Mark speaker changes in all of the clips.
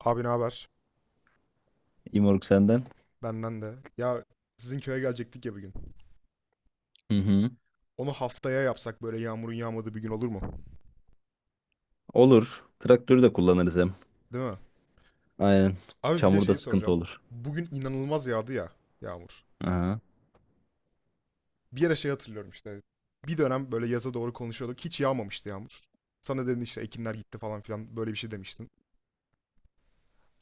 Speaker 1: Abi ne haber?
Speaker 2: İmorg senden.
Speaker 1: Benden de. Ya sizin köye gelecektik ya bir gün.
Speaker 2: Hı hı.
Speaker 1: Onu haftaya yapsak böyle yağmurun yağmadığı bir gün olur mu?
Speaker 2: Olur. Traktörü de kullanırız hem.
Speaker 1: Değil mi?
Speaker 2: Aynen.
Speaker 1: Abi bir de
Speaker 2: Çamurda
Speaker 1: şeyi
Speaker 2: sıkıntı
Speaker 1: soracağım.
Speaker 2: olur.
Speaker 1: Bugün inanılmaz yağdı ya yağmur.
Speaker 2: Aha.
Speaker 1: Bir yere şey hatırlıyorum işte. Bir dönem böyle yaza doğru konuşuyorduk. Hiç yağmamıştı yağmur. Sana dedin işte ekinler gitti falan filan böyle bir şey demiştin.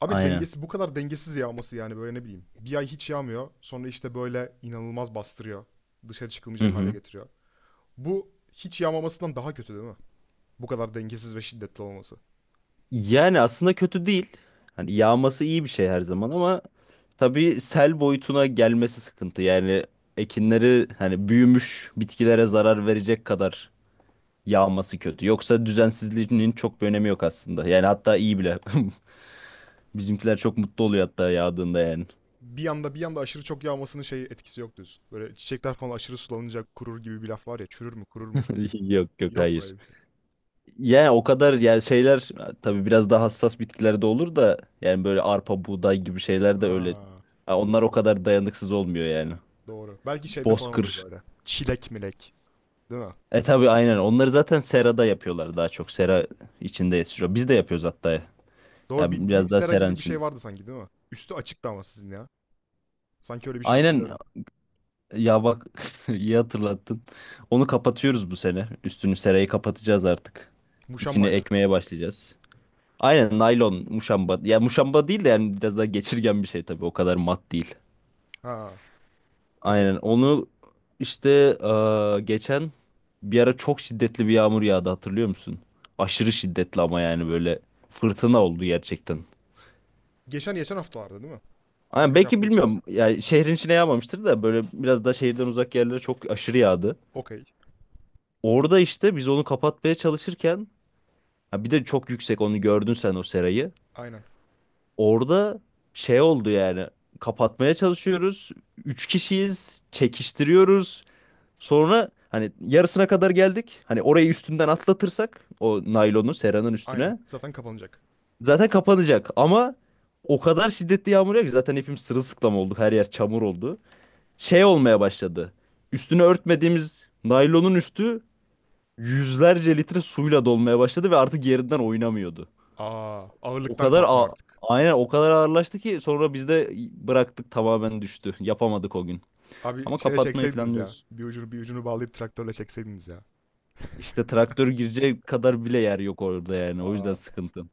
Speaker 1: Abi
Speaker 2: Aynen.
Speaker 1: dengesi bu kadar dengesiz yağması yani böyle ne bileyim. Bir ay hiç yağmıyor. Sonra işte böyle inanılmaz bastırıyor. Dışarı
Speaker 2: Hı
Speaker 1: çıkılmayacak hale
Speaker 2: hı.
Speaker 1: getiriyor. Bu hiç yağmamasından daha kötü değil mi? Bu kadar dengesiz ve şiddetli olması.
Speaker 2: Yani aslında kötü değil. Hani yağması iyi bir şey her zaman ama tabii sel boyutuna gelmesi sıkıntı. Yani ekinleri hani büyümüş bitkilere zarar verecek kadar yağması kötü. Yoksa düzensizliğinin çok bir önemi yok aslında. Yani hatta iyi bile. Bizimkiler çok mutlu oluyor hatta yağdığında yani.
Speaker 1: Bir anda aşırı çok yağmasının şey etkisi yok diyorsun. Böyle çiçekler falan aşırı sulanınca kurur gibi bir laf var ya, çürür mü kurur mu?
Speaker 2: Yok yok,
Speaker 1: Yok mu öyle
Speaker 2: hayır.
Speaker 1: bir şey?
Speaker 2: Yani o kadar, yani şeyler tabii biraz daha hassas bitkilerde olur da yani böyle arpa, buğday gibi şeyler de öyle.
Speaker 1: Ha,
Speaker 2: Ha, onlar o
Speaker 1: doğru
Speaker 2: kadar dayanıksız olmuyor yani.
Speaker 1: doğru. Belki şeyde falan olur
Speaker 2: Bozkır.
Speaker 1: böyle. Çilek milek değil mi?
Speaker 2: E tabii, aynen. Onları zaten serada yapıyorlar daha çok. Sera içinde yetişiyor. Biz de yapıyoruz hatta. Ya
Speaker 1: Doğru, bir
Speaker 2: biraz daha
Speaker 1: sera
Speaker 2: seranın
Speaker 1: gibi bir
Speaker 2: içinde.
Speaker 1: şey vardı sanki değil mi? Üstü açıktı ama sizin ya. Sanki öyle bir şey
Speaker 2: Aynen,
Speaker 1: hatırlıyorum.
Speaker 2: ya bak, iyi hatırlattın. Onu kapatıyoruz bu sene. Üstünü, serayı kapatacağız artık. İçine
Speaker 1: Muşambayla.
Speaker 2: ekmeye başlayacağız. Aynen, naylon muşamba. Ya muşamba değil de yani biraz daha geçirgen bir şey tabii. O kadar mat değil.
Speaker 1: Ha, okey.
Speaker 2: Aynen onu işte geçen bir ara çok şiddetli bir yağmur yağdı, hatırlıyor musun? Aşırı şiddetli, ama yani böyle fırtına oldu gerçekten.
Speaker 1: Geçen haftalarda değil mi?
Speaker 2: Aynen,
Speaker 1: Birkaç
Speaker 2: belki
Speaker 1: hafta için.
Speaker 2: bilmiyorum yani şehrin içine yağmamıştır da böyle biraz daha şehirden uzak yerlere çok aşırı yağdı.
Speaker 1: Okey.
Speaker 2: Orada işte biz onu kapatmaya çalışırken, ha bir de çok yüksek, onu gördün sen o serayı.
Speaker 1: Aynen.
Speaker 2: Orada şey oldu yani, kapatmaya çalışıyoruz. Üç kişiyiz, çekiştiriyoruz. Sonra hani yarısına kadar geldik. Hani orayı üstünden atlatırsak o naylonu, seranın
Speaker 1: Aynen.
Speaker 2: üstüne
Speaker 1: Zaten kapanacak.
Speaker 2: zaten kapanacak. Ama o kadar şiddetli yağmur yağıyor ki zaten hepimiz sırılsıklam olduk. Her yer çamur oldu. Şey olmaya başladı. Üstünü örtmediğimiz naylonun üstü yüzlerce litre suyla dolmaya başladı ve artık yerinden oynamıyordu.
Speaker 1: Aa,
Speaker 2: O
Speaker 1: ağırlıktan
Speaker 2: kadar
Speaker 1: kalkmıyor artık.
Speaker 2: aynen, o kadar ağırlaştı ki sonra biz de bıraktık, tamamen düştü. Yapamadık o gün.
Speaker 1: Abi
Speaker 2: Ama
Speaker 1: şeyle
Speaker 2: kapatmayı
Speaker 1: çekseydiniz ya.
Speaker 2: planlıyoruz.
Speaker 1: Bir ucunu, bir ucunu bağlayıp traktörle çekseydiniz ya.
Speaker 2: İşte traktör girecek kadar bile yer yok orada yani. O yüzden
Speaker 1: Aa.
Speaker 2: sıkıntı.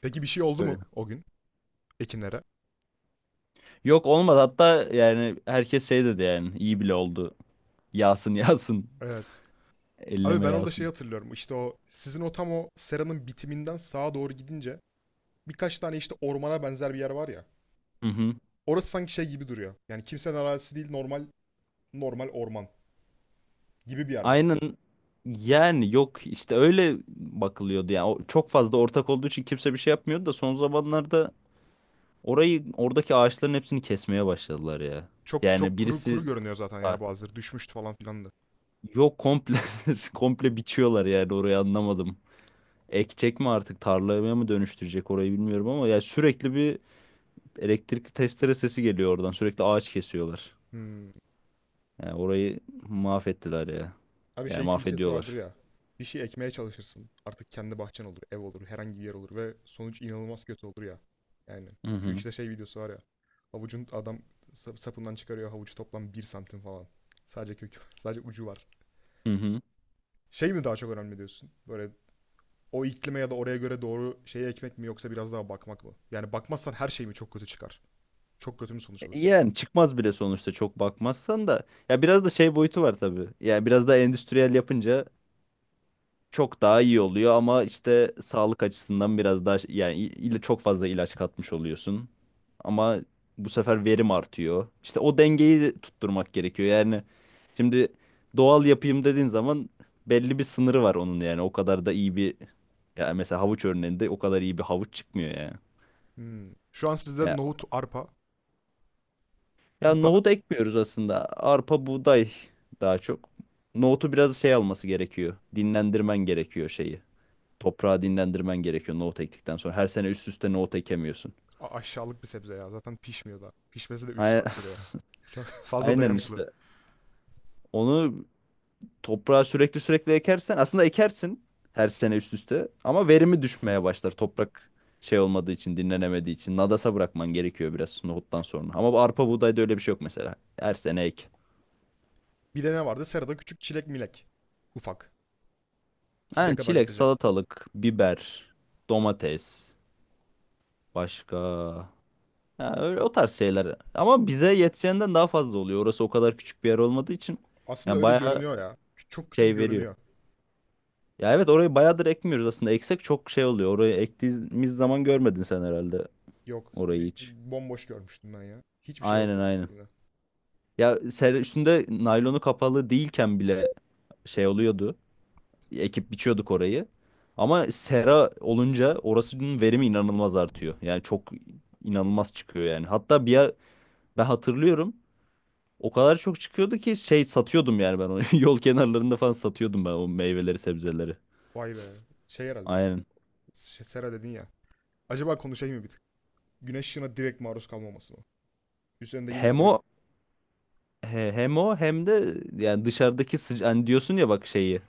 Speaker 1: Peki bir şey oldu
Speaker 2: Öyle.
Speaker 1: mu o gün ekinlere?
Speaker 2: Yok, olmadı hatta, yani herkes şey dedi, yani iyi bile oldu. Yağsın, yağsın.
Speaker 1: Evet. Abi
Speaker 2: Elleme,
Speaker 1: ben orada şey
Speaker 2: yağsın.
Speaker 1: hatırlıyorum. İşte o sizin o tam o seranın bitiminden sağa doğru gidince birkaç tane işte ormana benzer bir yer var ya.
Speaker 2: Hı hı.
Speaker 1: Orası sanki şey gibi duruyor. Yani kimsenin arazisi değil, normal orman gibi bir yer mi
Speaker 2: Aynen,
Speaker 1: orası?
Speaker 2: yani yok işte, öyle bakılıyordu yani. O çok fazla ortak olduğu için kimse bir şey yapmıyordu da son zamanlarda orayı, oradaki ağaçların hepsini kesmeye başladılar ya.
Speaker 1: Çok
Speaker 2: Yani
Speaker 1: çok kuru
Speaker 2: birisi
Speaker 1: kuru görünüyor zaten
Speaker 2: Ha,
Speaker 1: ya bazıları. Düşmüştü falan filan da.
Speaker 2: yok, komple komple biçiyorlar yani, orayı anlamadım. Ekecek mi artık, tarlaya mı dönüştürecek orayı, bilmiyorum ama ya sürekli bir elektrikli testere sesi geliyor oradan. Sürekli ağaç kesiyorlar.
Speaker 1: Hmm.
Speaker 2: Yani orayı mahvettiler ya.
Speaker 1: Abi
Speaker 2: Yani
Speaker 1: şey klişesi vardır
Speaker 2: mahvediyorlar.
Speaker 1: ya. Bir şey ekmeye çalışırsın. Artık kendi bahçen olur, ev olur, herhangi bir yer olur ve sonuç inanılmaz kötü olur ya. Yani
Speaker 2: Hı
Speaker 1: şu
Speaker 2: hı.
Speaker 1: işte şey videosu var ya. Havucun adam sapından çıkarıyor havucu, toplam bir santim falan. Sadece kökü, sadece ucu var.
Speaker 2: Hı hı.
Speaker 1: Şey mi daha çok önemli diyorsun? Böyle o iklime ya da oraya göre doğru şeyi ekmek mi yoksa biraz daha bakmak mı? Yani bakmazsan her şey mi çok kötü çıkar? Çok kötü mü sonuç alırsın?
Speaker 2: Yani çıkmaz bile sonuçta, çok bakmazsan da. Ya biraz da şey boyutu var tabii. Yani biraz da endüstriyel yapınca çok daha iyi oluyor ama işte sağlık açısından biraz daha yani çok fazla ilaç katmış oluyorsun. Ama bu sefer verim artıyor. İşte o dengeyi tutturmak gerekiyor. Yani şimdi doğal yapayım dediğin zaman belli bir sınırı var onun yani. O kadar da iyi bir ya mesela havuç örneğinde o kadar iyi bir havuç çıkmıyor yani.
Speaker 1: Hmm. Şu an sizde
Speaker 2: Ya,
Speaker 1: nohut, arpa
Speaker 2: ya
Speaker 1: bu
Speaker 2: nohut
Speaker 1: kadar.
Speaker 2: ekmiyoruz aslında. Arpa, buğday daha çok. Nohutu biraz şey alması gerekiyor. Dinlendirmen gerekiyor şeyi. Toprağı dinlendirmen gerekiyor nohut ektikten sonra. Her sene üst üste nohut ekemiyorsun.
Speaker 1: Aşağılık bir sebze ya. Zaten pişmiyor da. Pişmesi de üç
Speaker 2: Ay-
Speaker 1: saat sürüyor. Çok fazla
Speaker 2: Aynen
Speaker 1: dayanıklı.
Speaker 2: işte. Onu toprağa sürekli sürekli ekersen aslında ekersin her sene üst üste ama verimi düşmeye başlar. Toprak şey olmadığı için, dinlenemediği için nadasa bırakman gerekiyor biraz nohuttan sonra. Ama bu arpa buğdayda öyle bir şey yok mesela. Her sene ek.
Speaker 1: Bir de ne vardı? Serada küçük çilek milek. Ufak. Size
Speaker 2: Yani
Speaker 1: kadar
Speaker 2: çilek,
Speaker 1: yetecek.
Speaker 2: salatalık, biber, domates, başka ha, öyle o tarz şeyler. Ama bize yeteceğinden daha fazla oluyor. Orası o kadar küçük bir yer olmadığı için.
Speaker 1: Aslında
Speaker 2: Yani
Speaker 1: öyle
Speaker 2: bayağı
Speaker 1: görünüyor ya. Çok küçük
Speaker 2: şey veriyor.
Speaker 1: görünüyor.
Speaker 2: Ya evet, orayı bayağıdır ekmiyoruz aslında. Eksek çok şey oluyor. Orayı ektiğimiz zaman görmedin sen herhalde,
Speaker 1: Yok.
Speaker 2: orayı hiç.
Speaker 1: Bomboş görmüştüm ben ya. Hiçbir şey
Speaker 2: Aynen,
Speaker 1: yoktu ben
Speaker 2: aynen.
Speaker 1: gittiğimde.
Speaker 2: Ya ser üstünde naylonu kapalı değilken bile şey oluyordu. Ekip biçiyorduk orayı. Ama sera olunca orasının verimi inanılmaz artıyor. Yani çok inanılmaz çıkıyor yani. Hatta ben hatırlıyorum. O kadar çok çıkıyordu ki şey satıyordum yani ben onu. Yol kenarlarında falan satıyordum ben o meyveleri, sebzeleri.
Speaker 1: Vay be. Şey herhalde.
Speaker 2: Aynen.
Speaker 1: Sera dedin ya. Acaba konuşayım mı bir tık? Güneş ışığına direkt maruz kalmaması mı? Üzerinde yine
Speaker 2: Hem
Speaker 1: böyle...
Speaker 2: o, hem o hem de yani dışarıdaki hani diyorsun ya bak şeyi,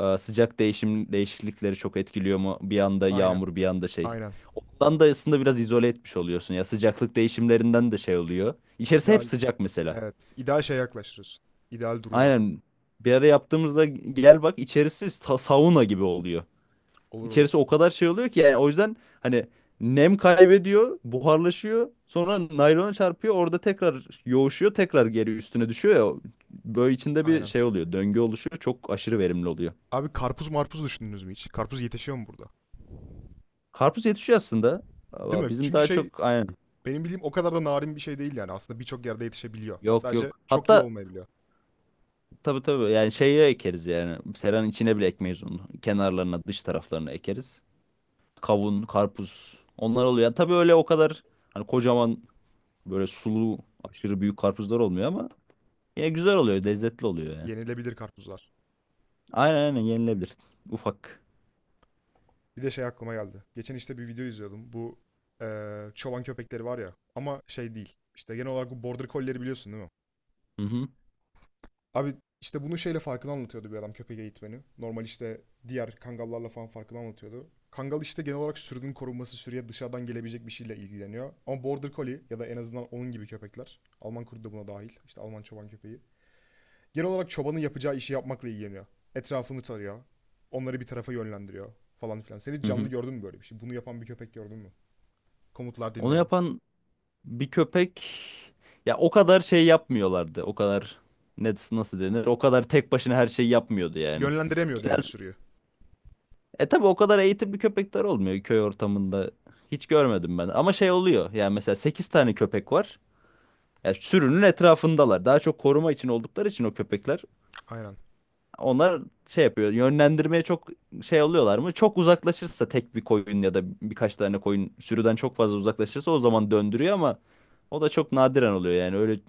Speaker 2: sıcak değişiklikleri çok etkiliyor mu, bir anda
Speaker 1: Aynen.
Speaker 2: yağmur bir anda şey.
Speaker 1: Aynen.
Speaker 2: Ondan da aslında biraz izole etmiş oluyorsun ya, sıcaklık değişimlerinden de şey oluyor. İçerisi hep
Speaker 1: İdeal.
Speaker 2: sıcak mesela.
Speaker 1: Evet. İdeal şeye yaklaştırıyorsun. İdeal duruma.
Speaker 2: Aynen, bir ara yaptığımızda gel bak, içerisi sauna gibi oluyor.
Speaker 1: Olur olur.
Speaker 2: İçerisi o kadar şey oluyor ki yani, o yüzden hani nem kaybediyor, buharlaşıyor. Sonra naylona çarpıyor, orada tekrar yoğuşuyor, tekrar geri üstüne düşüyor ya. Böyle içinde bir
Speaker 1: Aynen.
Speaker 2: şey oluyor, döngü oluşuyor. Çok aşırı verimli oluyor.
Speaker 1: Abi karpuz marpuz düşündünüz mü hiç? Karpuz yetişiyor mu burada?
Speaker 2: Karpuz yetişiyor aslında.
Speaker 1: Değil
Speaker 2: Ama
Speaker 1: mi?
Speaker 2: bizim
Speaker 1: Çünkü
Speaker 2: daha
Speaker 1: şey,
Speaker 2: çok, aynen.
Speaker 1: benim bildiğim o kadar da narin bir şey değil yani. Aslında birçok yerde yetişebiliyor.
Speaker 2: Yok
Speaker 1: Sadece
Speaker 2: yok.
Speaker 1: çok iyi
Speaker 2: Hatta
Speaker 1: olmayabiliyor.
Speaker 2: tabii tabii yani şeye ekeriz yani. Seranın içine bile ekmeyiz onu. Kenarlarına, dış taraflarına ekeriz. Kavun, karpuz, onlar oluyor. Yani tabii öyle o kadar hani kocaman, böyle sulu, aşırı büyük karpuzlar olmuyor ama ya güzel oluyor, lezzetli oluyor yani.
Speaker 1: Yenilebilir karpuzlar.
Speaker 2: Aynen aynen, yenilebilir. Ufak.
Speaker 1: Bir de şey aklıma geldi. Geçen işte bir video izliyordum. Bu çoban köpekleri var ya. Ama şey değil. İşte genel olarak bu border collie'leri biliyorsun değil mi?
Speaker 2: Hı hı.
Speaker 1: Abi işte bunu şeyle farkını anlatıyordu bir adam, köpek eğitmeni. Normal işte diğer kangallarla falan farkını anlatıyordu. Kangal işte genel olarak sürünün korunması, sürüye dışarıdan gelebilecek bir şeyle ilgileniyor. Ama Border Collie ya da en azından onun gibi köpekler. Alman kurdu da buna dahil. İşte Alman çoban köpeği. Genel olarak çobanın yapacağı işi yapmakla ilgileniyor. Etrafını tarıyor. Onları bir tarafa yönlendiriyor falan filan. Sen hiç
Speaker 2: Hı
Speaker 1: canlı
Speaker 2: hı.
Speaker 1: gördün mü böyle bir şey? Bunu yapan bir köpek gördün mü? Komutlar
Speaker 2: Onu
Speaker 1: dinleyen.
Speaker 2: yapan bir köpek, ya o kadar şey yapmıyorlardı. O kadar, ne, nasıl denir, o kadar tek başına her şeyi yapmıyordu yani.
Speaker 1: Yönlendiremiyordu yani
Speaker 2: Genelde,
Speaker 1: sürüyü.
Speaker 2: tabi o kadar eğitimli köpekler olmuyor köy ortamında. Hiç görmedim ben. Ama şey oluyor. Yani mesela 8 tane köpek var. Ya sürünün etrafındalar. Daha çok koruma için oldukları için o köpekler
Speaker 1: Aynen.
Speaker 2: onlar şey yapıyor. Yönlendirmeye çok şey oluyorlar mı? Çok uzaklaşırsa tek bir koyun, ya da birkaç tane koyun sürüden çok fazla uzaklaşırsa o zaman döndürüyor, ama o da çok nadiren oluyor yani. Öyle,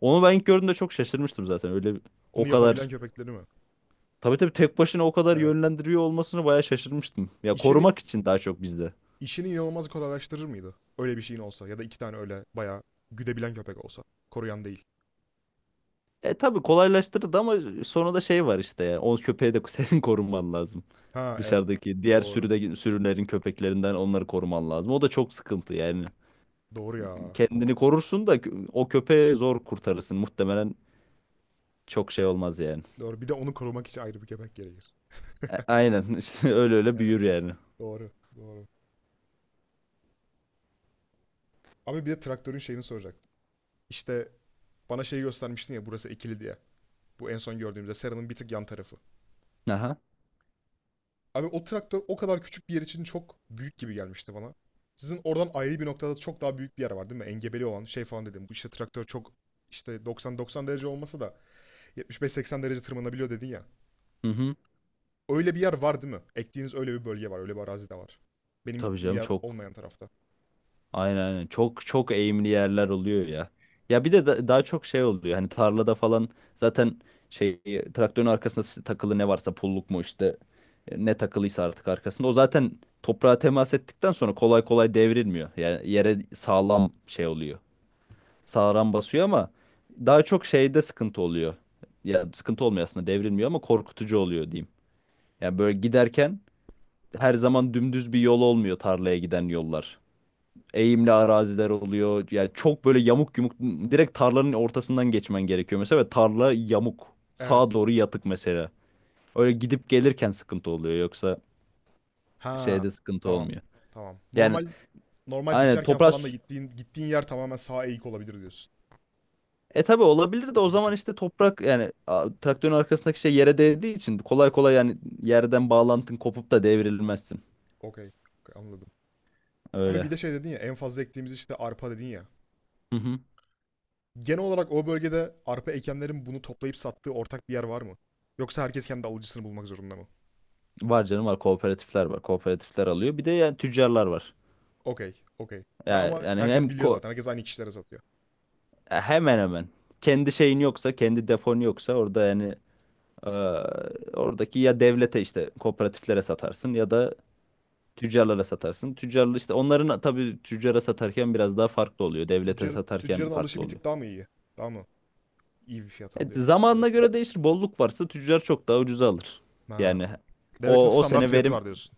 Speaker 2: onu ben ilk gördüğümde çok şaşırmıştım zaten. Öyle
Speaker 1: Onu
Speaker 2: o kadar,
Speaker 1: yapabilen köpekleri mi?
Speaker 2: tabii tabii tek başına o kadar
Speaker 1: Evet.
Speaker 2: yönlendiriyor olmasını bayağı şaşırmıştım. Ya
Speaker 1: İşini
Speaker 2: korumak için daha çok bizde.
Speaker 1: İşini inanılmaz kolaylaştırır mıydı? Öyle bir şeyin olsa ya da iki tane öyle bayağı güdebilen köpek olsa. Koruyan değil.
Speaker 2: E tabii, kolaylaştırdı ama sonra da şey var işte ya. O köpeği de senin koruman lazım.
Speaker 1: Ha evet.
Speaker 2: Dışarıdaki diğer
Speaker 1: Doğru.
Speaker 2: sürülerin köpeklerinden onları koruman lazım. O da çok sıkıntı yani.
Speaker 1: Doğru ya.
Speaker 2: Kendini korursun da o köpeği zor kurtarırsın. Muhtemelen çok şey olmaz yani.
Speaker 1: Doğru. Bir de onu korumak için ayrı bir köpek gerekir.
Speaker 2: Aynen işte öyle öyle
Speaker 1: Evet.
Speaker 2: büyür yani.
Speaker 1: Doğru. Doğru. Abi bir de traktörün şeyini soracaktım. İşte bana şeyi göstermiştin ya burası ekili diye. Bu en son gördüğümüzde Sera'nın bir tık yan tarafı.
Speaker 2: Aha.
Speaker 1: Abi o traktör o kadar küçük bir yer için çok büyük gibi gelmişti bana. Sizin oradan ayrı bir noktada çok daha büyük bir yer var değil mi? Engebeli olan şey falan dedim. Bu işte traktör çok işte 90-90 derece olmasa da 75-80 derece tırmanabiliyor dedin ya.
Speaker 2: Hı hı.
Speaker 1: Öyle bir yer var değil mi? Ektiğiniz öyle bir bölge var. Öyle bir arazi de var. Benim
Speaker 2: Tabii
Speaker 1: gittiğim
Speaker 2: canım,
Speaker 1: yer
Speaker 2: çok.
Speaker 1: olmayan tarafta.
Speaker 2: Aynen aynen. Çok çok eğimli yerler oluyor ya. Ya bir de daha çok şey oluyor. Hani tarlada falan zaten şey, traktörün arkasında takılı ne varsa, pulluk mu işte, ne takılıysa artık arkasında. O zaten toprağa temas ettikten sonra kolay kolay devrilmiyor. Yani yere sağlam şey oluyor. Sağıran basıyor ama daha çok şeyde sıkıntı oluyor. Ya sıkıntı olmuyor aslında, devrilmiyor ama korkutucu oluyor diyeyim. Yani böyle giderken her zaman dümdüz bir yol olmuyor, tarlaya giden yollar. Eğimli araziler oluyor. Yani çok böyle yamuk yumuk, direkt tarlanın ortasından geçmen gerekiyor mesela ve tarla yamuk. Sağa
Speaker 1: Evet.
Speaker 2: doğru yatık mesela. Öyle gidip gelirken sıkıntı oluyor, yoksa
Speaker 1: Ha,
Speaker 2: şeyde sıkıntı
Speaker 1: tamam.
Speaker 2: olmuyor.
Speaker 1: Tamam.
Speaker 2: Yani
Speaker 1: Normal, normal
Speaker 2: aynen,
Speaker 1: biçerken
Speaker 2: toprak.
Speaker 1: falan da gittiğin yer tamamen sağa eğik olabilir diyorsun.
Speaker 2: E tabii olabilir, de o
Speaker 1: Okey, okey.
Speaker 2: zaman işte toprak, yani traktörün arkasındaki şey yere değdiği için kolay kolay yani yerden bağlantın kopup da devrilmezsin.
Speaker 1: Okey, okey, anladım. Abi
Speaker 2: Öyle.
Speaker 1: bir de şey dedin ya, en fazla ektiğimiz işte arpa dedin ya.
Speaker 2: Hı hı.
Speaker 1: Genel olarak o bölgede arpa ekenlerin bunu toplayıp sattığı ortak bir yer var mı? Yoksa herkes kendi alıcısını bulmak zorunda mı?
Speaker 2: Var canım var, kooperatifler var. Kooperatifler alıyor. Bir de yani tüccarlar var.
Speaker 1: Okey, okey. Ve
Speaker 2: Yani,
Speaker 1: ama
Speaker 2: yani
Speaker 1: herkes
Speaker 2: hem
Speaker 1: biliyor
Speaker 2: ko
Speaker 1: zaten. Herkes aynı kişilere satıyor.
Speaker 2: hemen hemen, kendi şeyin yoksa, kendi depon yoksa orada yani, e, oradaki, ya devlete, işte kooperatiflere satarsın ya da tüccarlara satarsın. Tüccarlar işte onların, tabii tüccara satarken biraz daha farklı oluyor. Devlete
Speaker 1: Tüccar,
Speaker 2: satarken
Speaker 1: tüccarın alışı
Speaker 2: farklı
Speaker 1: bir
Speaker 2: oluyor.
Speaker 1: tık daha mı iyi? Daha mı iyi bir fiyat
Speaker 2: Evet,
Speaker 1: alıyor
Speaker 2: zamanına
Speaker 1: devletten?
Speaker 2: göre değişir. Bolluk varsa tüccar çok daha ucuza alır.
Speaker 1: Ha.
Speaker 2: Yani
Speaker 1: Devletin
Speaker 2: o
Speaker 1: standart
Speaker 2: sene
Speaker 1: fiyatı
Speaker 2: verim
Speaker 1: var diyorsun.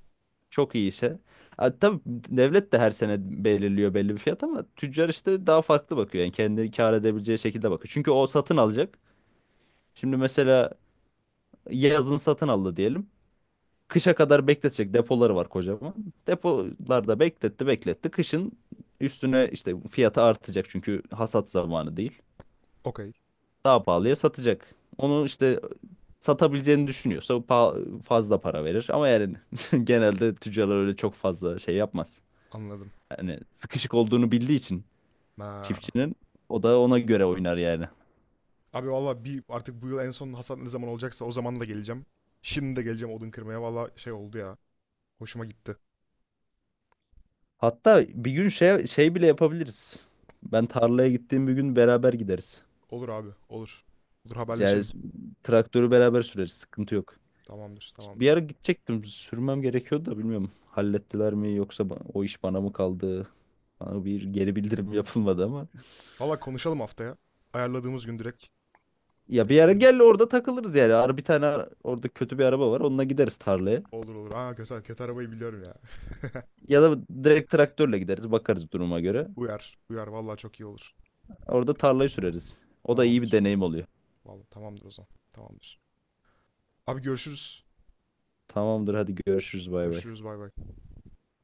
Speaker 2: çok iyi ise. Ha, tabii devlet de her sene belirliyor belli bir fiyat ama tüccar işte daha farklı bakıyor. Yani kendini kâr edebileceği şekilde bakıyor. Çünkü o satın alacak. Şimdi mesela yazın satın aldı diyelim. Kışa kadar bekletecek depoları var kocaman. Depolarda bekletti bekletti. Kışın üstüne işte fiyatı artacak, çünkü hasat zamanı değil.
Speaker 1: Okey.
Speaker 2: Daha pahalıya satacak. Onu işte satabileceğini düşünüyorsa fazla para verir. Ama yani genelde tüccarlar öyle çok fazla şey yapmaz.
Speaker 1: Anladım.
Speaker 2: Yani sıkışık olduğunu bildiği için
Speaker 1: Ha.
Speaker 2: çiftçinin, o da ona göre oynar yani.
Speaker 1: Abi valla bir artık bu yıl en son hasat ne zaman olacaksa o zaman da geleceğim. Şimdi de geleceğim odun kırmaya. Valla şey oldu ya. Hoşuma gitti.
Speaker 2: Hatta bir gün şey bile yapabiliriz. Ben tarlaya gittiğim bir gün beraber gideriz.
Speaker 1: Olur abi. Olur. Olur,
Speaker 2: Yani
Speaker 1: haberleşelim.
Speaker 2: traktörü beraber süreriz. Sıkıntı yok.
Speaker 1: Tamamdır.
Speaker 2: Bir
Speaker 1: Tamamdır.
Speaker 2: ara gidecektim. Sürmem gerekiyordu da bilmiyorum. Hallettiler mi, yoksa o iş bana mı kaldı? Bana bir geri bildirim yapılmadı ama.
Speaker 1: Valla konuşalım haftaya. Ayarladığımız gün direkt,
Speaker 2: Ya bir
Speaker 1: direkt
Speaker 2: ara
Speaker 1: gidelim.
Speaker 2: gel, orada takılırız yani. Ara bir tane ara- Orada kötü bir araba var. Onunla gideriz tarlaya.
Speaker 1: Olur olur. Aa kötü, kötü arabayı biliyorum ya.
Speaker 2: Ya da direkt traktörle gideriz. Bakarız duruma göre.
Speaker 1: Uyar. Uyar. Valla çok iyi olur.
Speaker 2: Orada tarlayı süreriz. O da iyi bir
Speaker 1: Tamamdır.
Speaker 2: deneyim oluyor.
Speaker 1: Valla tamamdır o zaman. Tamamdır. Abi görüşürüz.
Speaker 2: Tamamdır, hadi görüşürüz, bay bay.
Speaker 1: Görüşürüz bay bay.